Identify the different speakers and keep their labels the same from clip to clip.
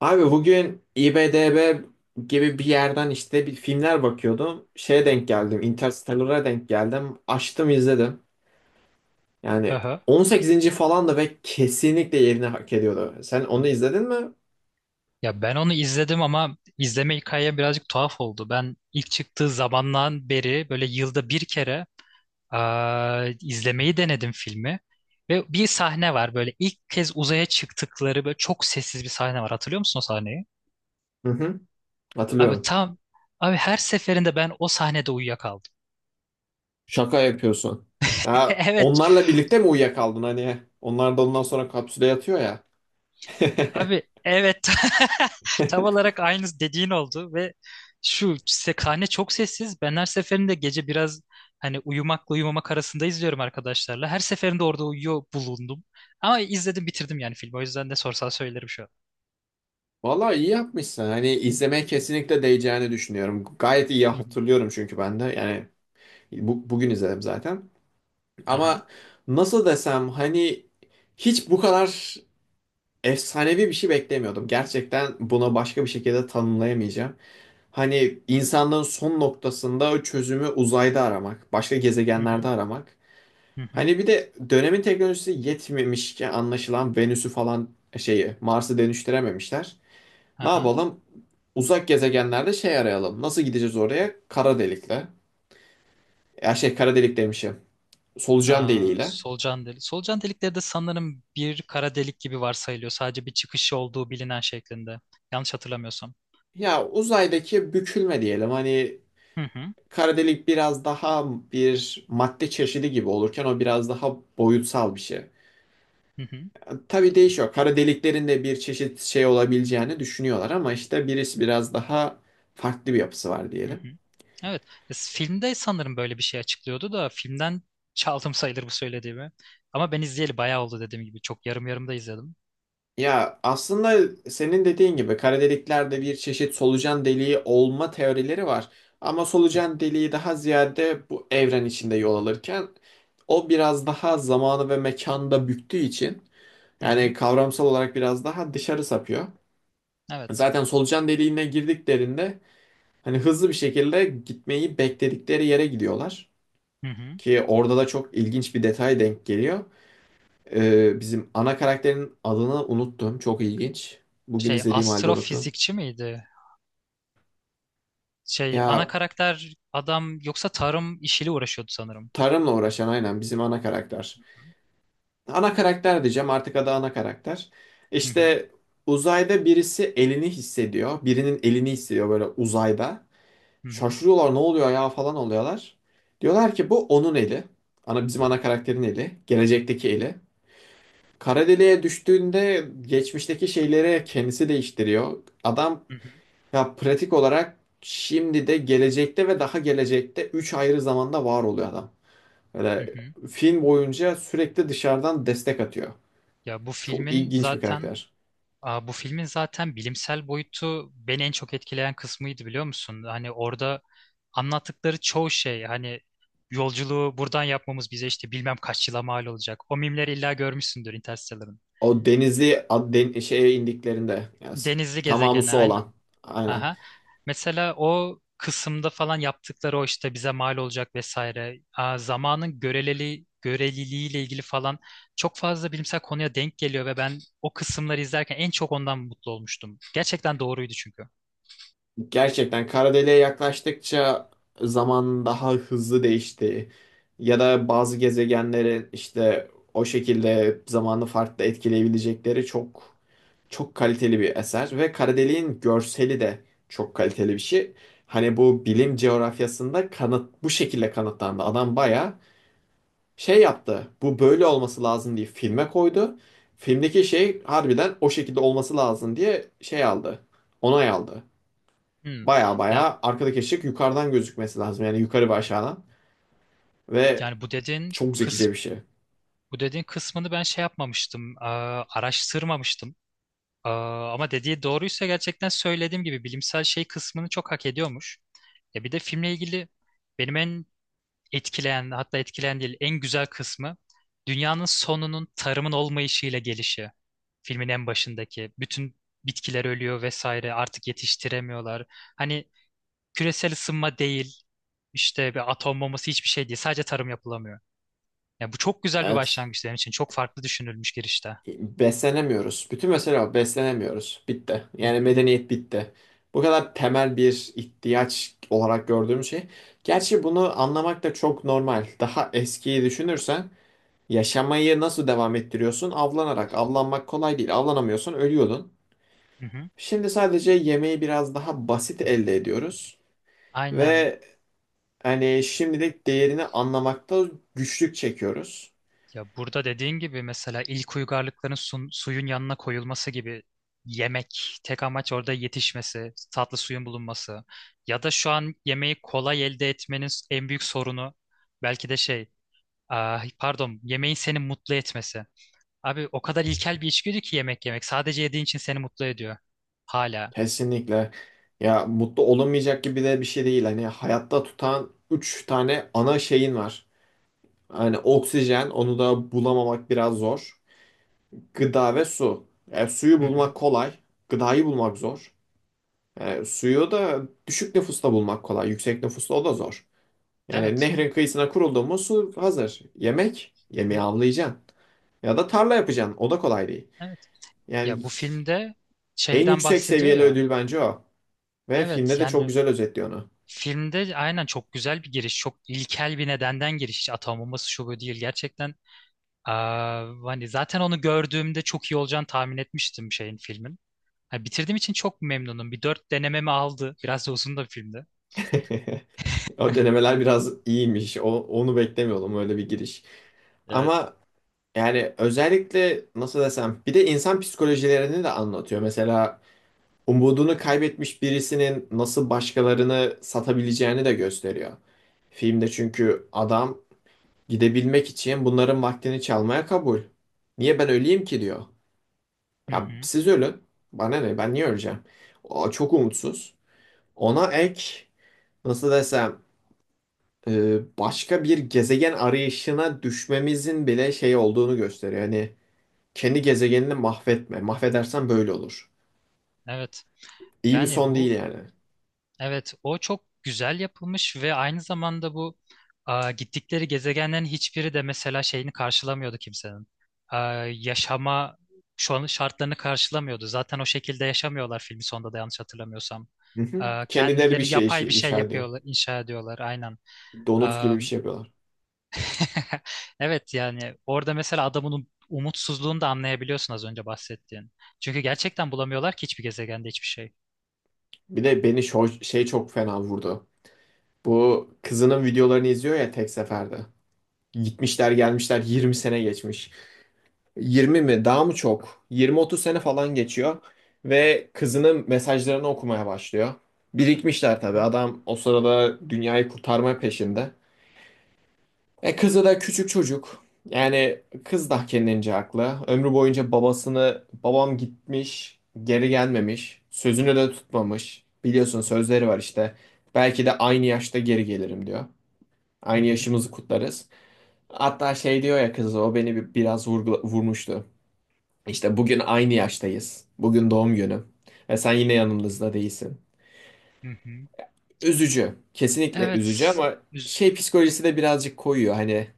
Speaker 1: Abi bugün IMDb gibi bir yerden işte bir filmler bakıyordum. Şeye denk geldim. Interstellar'a denk geldim. Açtım izledim.
Speaker 2: Hı
Speaker 1: Yani
Speaker 2: hı.
Speaker 1: 18. falan da ve kesinlikle yerini hak ediyordu. Sen onu izledin mi?
Speaker 2: Ya ben onu izledim ama izleme hikaye birazcık tuhaf oldu. Ben ilk çıktığı zamandan beri böyle yılda bir kere izlemeyi denedim filmi. Ve bir sahne var, böyle ilk kez uzaya çıktıkları, böyle çok sessiz bir sahne var. Hatırlıyor musun o sahneyi?
Speaker 1: Hı hı.
Speaker 2: Abi
Speaker 1: Hatırlıyorum.
Speaker 2: tam abi, her seferinde ben o sahnede uyuyakaldım.
Speaker 1: Şaka yapıyorsun. Ya
Speaker 2: Evet.
Speaker 1: onlarla birlikte mi uyuyakaldın hani? Onlar da ondan sonra kapsüle yatıyor ya.
Speaker 2: Abi, evet, tam olarak aynı dediğin oldu ve şu sekhane çok sessiz. Ben her seferinde gece biraz, hani, uyumakla uyumamak arasında izliyorum arkadaşlarla. Her seferinde orada uyuyor bulundum. Ama izledim, bitirdim yani filmi. O yüzden ne sorsan söylerim şu an.
Speaker 1: Valla iyi yapmışsın. Hani izlemeye kesinlikle değeceğini düşünüyorum. Gayet iyi
Speaker 2: Hı hı.
Speaker 1: hatırlıyorum çünkü ben de. Yani bugün izledim zaten.
Speaker 2: Aha.
Speaker 1: Ama nasıl desem hani hiç bu kadar efsanevi bir şey beklemiyordum. Gerçekten buna başka bir şekilde tanımlayamayacağım. Hani insanlığın son noktasında çözümü uzayda aramak, başka
Speaker 2: Hı hı.
Speaker 1: gezegenlerde aramak.
Speaker 2: Hı hı.
Speaker 1: Hani bir de dönemin teknolojisi yetmemiş ki anlaşılan Venüs'ü falan şeyi Mars'ı dönüştürememişler. Ne
Speaker 2: Aha.
Speaker 1: yapalım? Uzak gezegenlerde şey arayalım. Nasıl gideceğiz oraya? Kara delikle. Ya şey kara delik demişim. Solucan deliğiyle.
Speaker 2: Solucan delik. Solucan delikleri de sanırım bir kara delik gibi varsayılıyor. Sadece bir çıkışı olduğu bilinen şeklinde. Yanlış hatırlamıyorsam.
Speaker 1: Ya uzaydaki bükülme diyelim hani
Speaker 2: Hı hı.
Speaker 1: kara delik biraz daha bir madde çeşidi gibi olurken o biraz daha boyutsal bir şey.
Speaker 2: Hı hı.
Speaker 1: Tabii değişiyor. Kara deliklerin de bir çeşit şey olabileceğini düşünüyorlar ama işte birisi biraz daha farklı bir yapısı var
Speaker 2: Hı
Speaker 1: diyelim.
Speaker 2: hı. Evet. Filmde sanırım böyle bir şey açıklıyordu da filmden çaldım sayılır bu söylediğimi. Ama ben izleyeli bayağı oldu, dediğim gibi. Çok yarım yarım da izledim.
Speaker 1: Ya aslında senin dediğin gibi kara deliklerde bir çeşit solucan deliği olma teorileri var. Ama solucan deliği daha ziyade bu evren içinde yol alırken o biraz daha zamanı ve mekanda büktüğü için
Speaker 2: Hı
Speaker 1: yani
Speaker 2: hı.
Speaker 1: kavramsal olarak biraz daha dışarı sapıyor.
Speaker 2: Evet.
Speaker 1: Zaten solucan deliğine girdiklerinde hani hızlı bir şekilde gitmeyi bekledikleri yere gidiyorlar.
Speaker 2: Hı hı.
Speaker 1: Ki orada da çok ilginç bir detay denk geliyor. Bizim ana karakterin adını unuttum. Çok ilginç. Bugün
Speaker 2: Şey,
Speaker 1: izlediğim halde unuttum.
Speaker 2: astrofizikçi miydi? Şey, ana
Speaker 1: Ya
Speaker 2: karakter adam yoksa tarım işiyle uğraşıyordu sanırım.
Speaker 1: tarımla uğraşan aynen bizim ana karakter. Ana karakter diyeceğim artık adı ana karakter.
Speaker 2: Hı hı.
Speaker 1: İşte uzayda birisi elini hissediyor. Birinin elini hissediyor böyle uzayda.
Speaker 2: Hı hı.
Speaker 1: Şaşırıyorlar ne oluyor ya falan oluyorlar. Diyorlar ki bu onun eli. Bizim ana karakterin eli. Gelecekteki eli. Kara deliğe düştüğünde geçmişteki şeyleri kendisi değiştiriyor. Adam
Speaker 2: Hı hı.
Speaker 1: ya pratik olarak şimdi de gelecekte ve daha gelecekte 3 ayrı zamanda var oluyor adam.
Speaker 2: Hı
Speaker 1: Böyle
Speaker 2: hı.
Speaker 1: film boyunca sürekli dışarıdan destek atıyor.
Speaker 2: Ya bu
Speaker 1: Çok
Speaker 2: filmin
Speaker 1: ilginç bir
Speaker 2: zaten
Speaker 1: karakter.
Speaker 2: Bu filmin zaten bilimsel boyutu beni en çok etkileyen kısmıydı, biliyor musun? Hani orada anlattıkları çoğu şey, hani, yolculuğu buradan yapmamız bize işte bilmem kaç yıla mal olacak. O mimleri illa görmüşsündür Interstellar'ın.
Speaker 1: O denizli şeye indiklerinde yani
Speaker 2: Denizli
Speaker 1: tamamı
Speaker 2: gezegene
Speaker 1: su olan.
Speaker 2: aynen.
Speaker 1: Aynen.
Speaker 2: Aha. Mesela o kısımda falan yaptıkları, o işte bize mal olacak vesaire. Zamanın göreliliği ile ilgili falan çok fazla bilimsel konuya denk geliyor ve ben o kısımları izlerken en çok ondan mutlu olmuştum. Gerçekten doğruydu çünkü.
Speaker 1: Gerçekten kara deliğe yaklaştıkça zaman daha hızlı değişti. Ya da bazı gezegenlerin işte o şekilde zamanı farklı etkileyebilecekleri çok çok kaliteli bir eser ve kara deliğin görseli de çok kaliteli bir şey. Hani bu
Speaker 2: Hı hı.
Speaker 1: bilim coğrafyasında kanıt bu şekilde kanıtlandı. Adam baya şey yaptı. Bu böyle olması lazım diye filme koydu. Filmdeki şey harbiden o şekilde olması lazım diye şey aldı. Onay aldı.
Speaker 2: Hmm.
Speaker 1: Baya
Speaker 2: Ya,
Speaker 1: baya arkadaki ışık yukarıdan gözükmesi lazım. Yani yukarı ve aşağıdan. Ve
Speaker 2: yani bu dediğin
Speaker 1: çok
Speaker 2: kıs
Speaker 1: zekice bir şey.
Speaker 2: bu dediğin kısmını ben şey yapmamıştım, araştırmamıştım. Ama dediği doğruysa, gerçekten söylediğim gibi, bilimsel şey kısmını çok hak ediyormuş. Ya bir de filmle ilgili benim en etkileyen, hatta etkileyen değil, en güzel kısmı dünyanın sonunun tarımın olmayışıyla gelişi. Filmin en başındaki bütün bitkiler ölüyor vesaire, artık yetiştiremiyorlar. Hani küresel ısınma değil, işte bir atom bombası hiçbir şey değil, sadece tarım yapılamıyor. Ya bu çok güzel bir
Speaker 1: Evet.
Speaker 2: başlangıç, benim için çok farklı düşünülmüş girişte.
Speaker 1: Beslenemiyoruz. Bütün mesele o. Beslenemiyoruz. Bitti.
Speaker 2: Hı
Speaker 1: Yani
Speaker 2: hı,
Speaker 1: medeniyet bitti. Bu kadar temel bir ihtiyaç olarak gördüğüm şey. Gerçi bunu anlamak da çok normal. Daha eskiyi düşünürsen yaşamayı nasıl devam ettiriyorsun? Avlanarak. Avlanmak kolay değil. Avlanamıyorsun, ölüyordun.
Speaker 2: hı hı.
Speaker 1: Şimdi sadece yemeği biraz daha basit elde ediyoruz.
Speaker 2: Aynen.
Speaker 1: Ve hani şimdilik değerini anlamakta güçlük çekiyoruz.
Speaker 2: Ya burada dediğin gibi mesela ilk uygarlıkların suyun yanına koyulması gibi, yemek, tek amaç orada yetişmesi, tatlı suyun bulunması, ya da şu an yemeği kolay elde etmenin en büyük sorunu belki de şey, ah, pardon, yemeğin seni mutlu etmesi. Abi o kadar ilkel bir içgüdü ki yemek yemek. Sadece yediğin için seni mutlu ediyor. Hala.
Speaker 1: Kesinlikle. Ya mutlu olamayacak gibi de bir şey değil. Hani hayatta tutan üç tane ana şeyin var. Hani oksijen onu da bulamamak biraz zor. Gıda ve su. E, suyu
Speaker 2: Hı hı.
Speaker 1: bulmak kolay. Gıdayı bulmak zor. E, suyu da düşük nüfusta bulmak kolay. Yüksek nüfusta o da zor. Yani
Speaker 2: Evet.
Speaker 1: nehrin kıyısına kuruldu mu su hazır.
Speaker 2: Hı
Speaker 1: Yemeği
Speaker 2: hı.
Speaker 1: avlayacaksın. Ya da tarla yapacaksın. O da kolay değil.
Speaker 2: Evet.
Speaker 1: Yani
Speaker 2: Ya bu filmde
Speaker 1: en
Speaker 2: şeyden
Speaker 1: yüksek
Speaker 2: bahsediyor
Speaker 1: seviyeli
Speaker 2: ya.
Speaker 1: ödül bence o. Ve
Speaker 2: Evet,
Speaker 1: filmde de çok
Speaker 2: yani
Speaker 1: güzel özetliyor onu.
Speaker 2: filmde aynen çok güzel bir giriş, çok ilkel bir nedenden giriş. Atanmaması şu bu değil, gerçekten. Hani zaten onu gördüğümde çok iyi olacağını tahmin etmiştim şeyin, filmin. Ha, bitirdiğim için çok memnunum. Bir dört denememi aldı. Biraz da uzun da bir filmdi.
Speaker 1: O denemeler biraz iyiymiş. Onu beklemiyordum öyle bir giriş.
Speaker 2: Evet.
Speaker 1: Ama yani özellikle nasıl desem bir de insan psikolojilerini de anlatıyor. Mesela umudunu kaybetmiş birisinin nasıl başkalarını satabileceğini de gösteriyor. Filmde çünkü adam gidebilmek için bunların vaktini çalmaya kabul. Niye ben öleyim ki diyor.
Speaker 2: Hı
Speaker 1: Ya
Speaker 2: hı.
Speaker 1: siz ölün. Bana ne? Ben niye öleceğim? O çok umutsuz. Ona ek nasıl desem başka bir gezegen arayışına düşmemizin bile şey olduğunu gösteriyor. Hani kendi gezegenini mahvetme. Mahvedersen böyle olur.
Speaker 2: Evet.
Speaker 1: İyi bir
Speaker 2: Yani
Speaker 1: son değil
Speaker 2: bu
Speaker 1: yani.
Speaker 2: Evet, o çok güzel yapılmış ve aynı zamanda bu, a, gittikleri gezegenlerin hiçbiri de mesela şeyini karşılamıyordu kimsenin. A, Yaşama şu an şartlarını karşılamıyordu. Zaten o şekilde yaşamıyorlar filmi sonunda da, yanlış hatırlamıyorsam.
Speaker 1: Hı hı. Kendileri bir
Speaker 2: Kendileri
Speaker 1: şey işi,
Speaker 2: yapay bir şey
Speaker 1: inşa ediyor.
Speaker 2: yapıyorlar, inşa ediyorlar aynen.
Speaker 1: Donut gibi
Speaker 2: A,
Speaker 1: bir şey yapıyorlar.
Speaker 2: evet, yani orada mesela adamın umutsuzluğunu da anlayabiliyorsun, az önce bahsettiğin. Çünkü gerçekten bulamıyorlar ki hiçbir gezegende hiçbir şey.
Speaker 1: Bir de beni şey çok fena vurdu. Bu kızının videolarını izliyor ya tek seferde. Gitmişler gelmişler 20 sene geçmiş. 20 mi daha mı çok? 20-30 sene falan geçiyor. Ve kızının mesajlarını okumaya başlıyor. Birikmişler
Speaker 2: Hı
Speaker 1: tabii
Speaker 2: hı,
Speaker 1: adam o sırada dünyayı kurtarma peşinde. E kızı da küçük çocuk. Yani kız da kendince haklı. Ömrü boyunca babam gitmiş geri gelmemiş. Sözünü de tutmamış. Biliyorsun sözleri var işte. Belki de aynı yaşta geri gelirim diyor.
Speaker 2: hı hı,
Speaker 1: Aynı
Speaker 2: hı hı,
Speaker 1: yaşımızı kutlarız. Hatta şey diyor ya kız o beni biraz vurmuştu. İşte bugün aynı yaştayız. Bugün doğum günüm. Ve sen yine yanımızda değilsin.
Speaker 2: hı hı.
Speaker 1: Üzücü. Kesinlikle üzücü
Speaker 2: Evet.
Speaker 1: ama
Speaker 2: Üz
Speaker 1: şey psikolojisi de birazcık koyuyor. Hani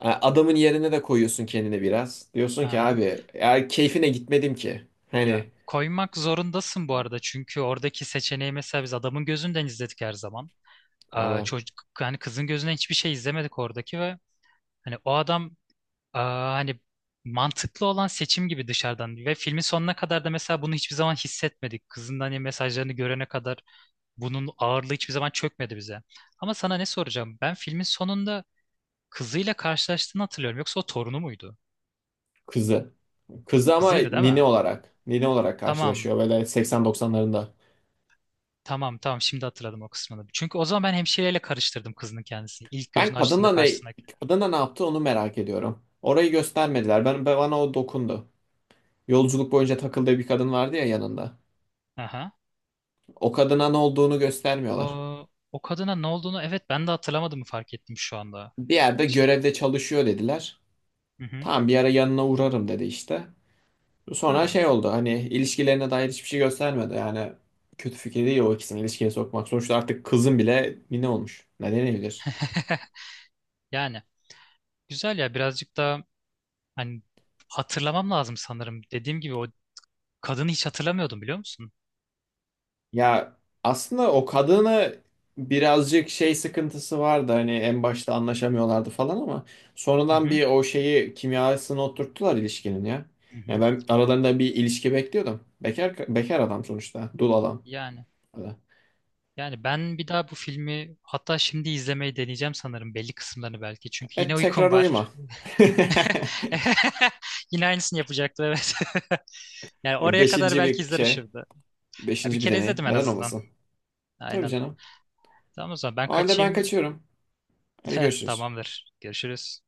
Speaker 1: adamın yerine de koyuyorsun kendini biraz. Diyorsun ki
Speaker 2: Aha.
Speaker 1: abi ya keyfine gitmedim ki.
Speaker 2: Ya
Speaker 1: Hani
Speaker 2: koymak zorundasın bu arada, çünkü oradaki seçeneği mesela biz adamın gözünden izledik her zaman.
Speaker 1: ama
Speaker 2: Çocuk, hani kızın gözünden hiçbir şey izlemedik oradaki, ve hani o adam, hani mantıklı olan seçim gibi dışarıdan, ve filmin sonuna kadar da mesela bunu hiçbir zaman hissetmedik. Kızın hani mesajlarını görene kadar bunun ağırlığı hiçbir zaman çökmedi bize. Ama sana ne soracağım? Ben filmin sonunda kızıyla karşılaştığını hatırlıyorum. Yoksa o torunu muydu?
Speaker 1: kızı. Kızı ama
Speaker 2: Kızıydı değil
Speaker 1: nine
Speaker 2: mi?
Speaker 1: olarak. Nine olarak
Speaker 2: Tamam.
Speaker 1: karşılaşıyor böyle 80-90'larında.
Speaker 2: Tamam, tamam, şimdi hatırladım o kısmını. Çünkü o zaman ben hemşireyle karıştırdım kızının kendisini, İlk
Speaker 1: Ben
Speaker 2: gözünü açtığında
Speaker 1: kadınla ne,
Speaker 2: karşısındaki.
Speaker 1: kadınla ne yaptı onu merak ediyorum. Orayı göstermediler. Bana o dokundu. Yolculuk boyunca takıldığı bir kadın vardı ya yanında.
Speaker 2: Aha.
Speaker 1: O kadına ne olduğunu göstermiyorlar.
Speaker 2: O kadına ne olduğunu, evet, ben de hatırlamadığımı fark ettim şu anda.
Speaker 1: Bir yerde
Speaker 2: Şey,
Speaker 1: görevde çalışıyor dediler.
Speaker 2: hı hı.
Speaker 1: Tamam bir ara yanına uğrarım dedi işte. Sonra
Speaker 2: Ha.
Speaker 1: şey oldu hani ilişkilerine dair hiçbir şey göstermedi. Yani kötü fikir değil o ikisini ilişkiye sokmak. Sonuçta artık kızın bile ne olmuş. Ne denebilir?
Speaker 2: Yani güzel ya, birazcık da, hani, hatırlamam lazım sanırım. Dediğim gibi o kadını hiç hatırlamıyordum, biliyor musun?
Speaker 1: Ya aslında o kadını birazcık şey sıkıntısı vardı hani en başta anlaşamıyorlardı falan ama
Speaker 2: Hı
Speaker 1: sonradan
Speaker 2: hı.
Speaker 1: bir o şeyi kimyasını oturttular ilişkinin ya.
Speaker 2: Hı
Speaker 1: Ya
Speaker 2: hı.
Speaker 1: ben aralarında bir ilişki bekliyordum. Bekar bekar adam sonuçta, dul adam.
Speaker 2: Yani yani ben bir daha bu filmi, hatta şimdi, izlemeyi deneyeceğim sanırım, belli kısımlarını belki. Çünkü
Speaker 1: Evet
Speaker 2: yine uykum
Speaker 1: tekrar uyuma.
Speaker 2: var. Yine aynısını yapacaktı, evet. Yani oraya kadar
Speaker 1: Beşinci
Speaker 2: belki
Speaker 1: bir
Speaker 2: izler
Speaker 1: şey,
Speaker 2: ışırdı. Ya bir
Speaker 1: beşinci bir
Speaker 2: kere
Speaker 1: deneyim.
Speaker 2: izledim en
Speaker 1: Neden
Speaker 2: azından.
Speaker 1: olmasın? Tabii
Speaker 2: Aynen.
Speaker 1: canım.
Speaker 2: Tamam, o zaman ben
Speaker 1: O halde ben
Speaker 2: kaçayım.
Speaker 1: kaçıyorum. Hadi görüşürüz.
Speaker 2: Tamamdır. Görüşürüz.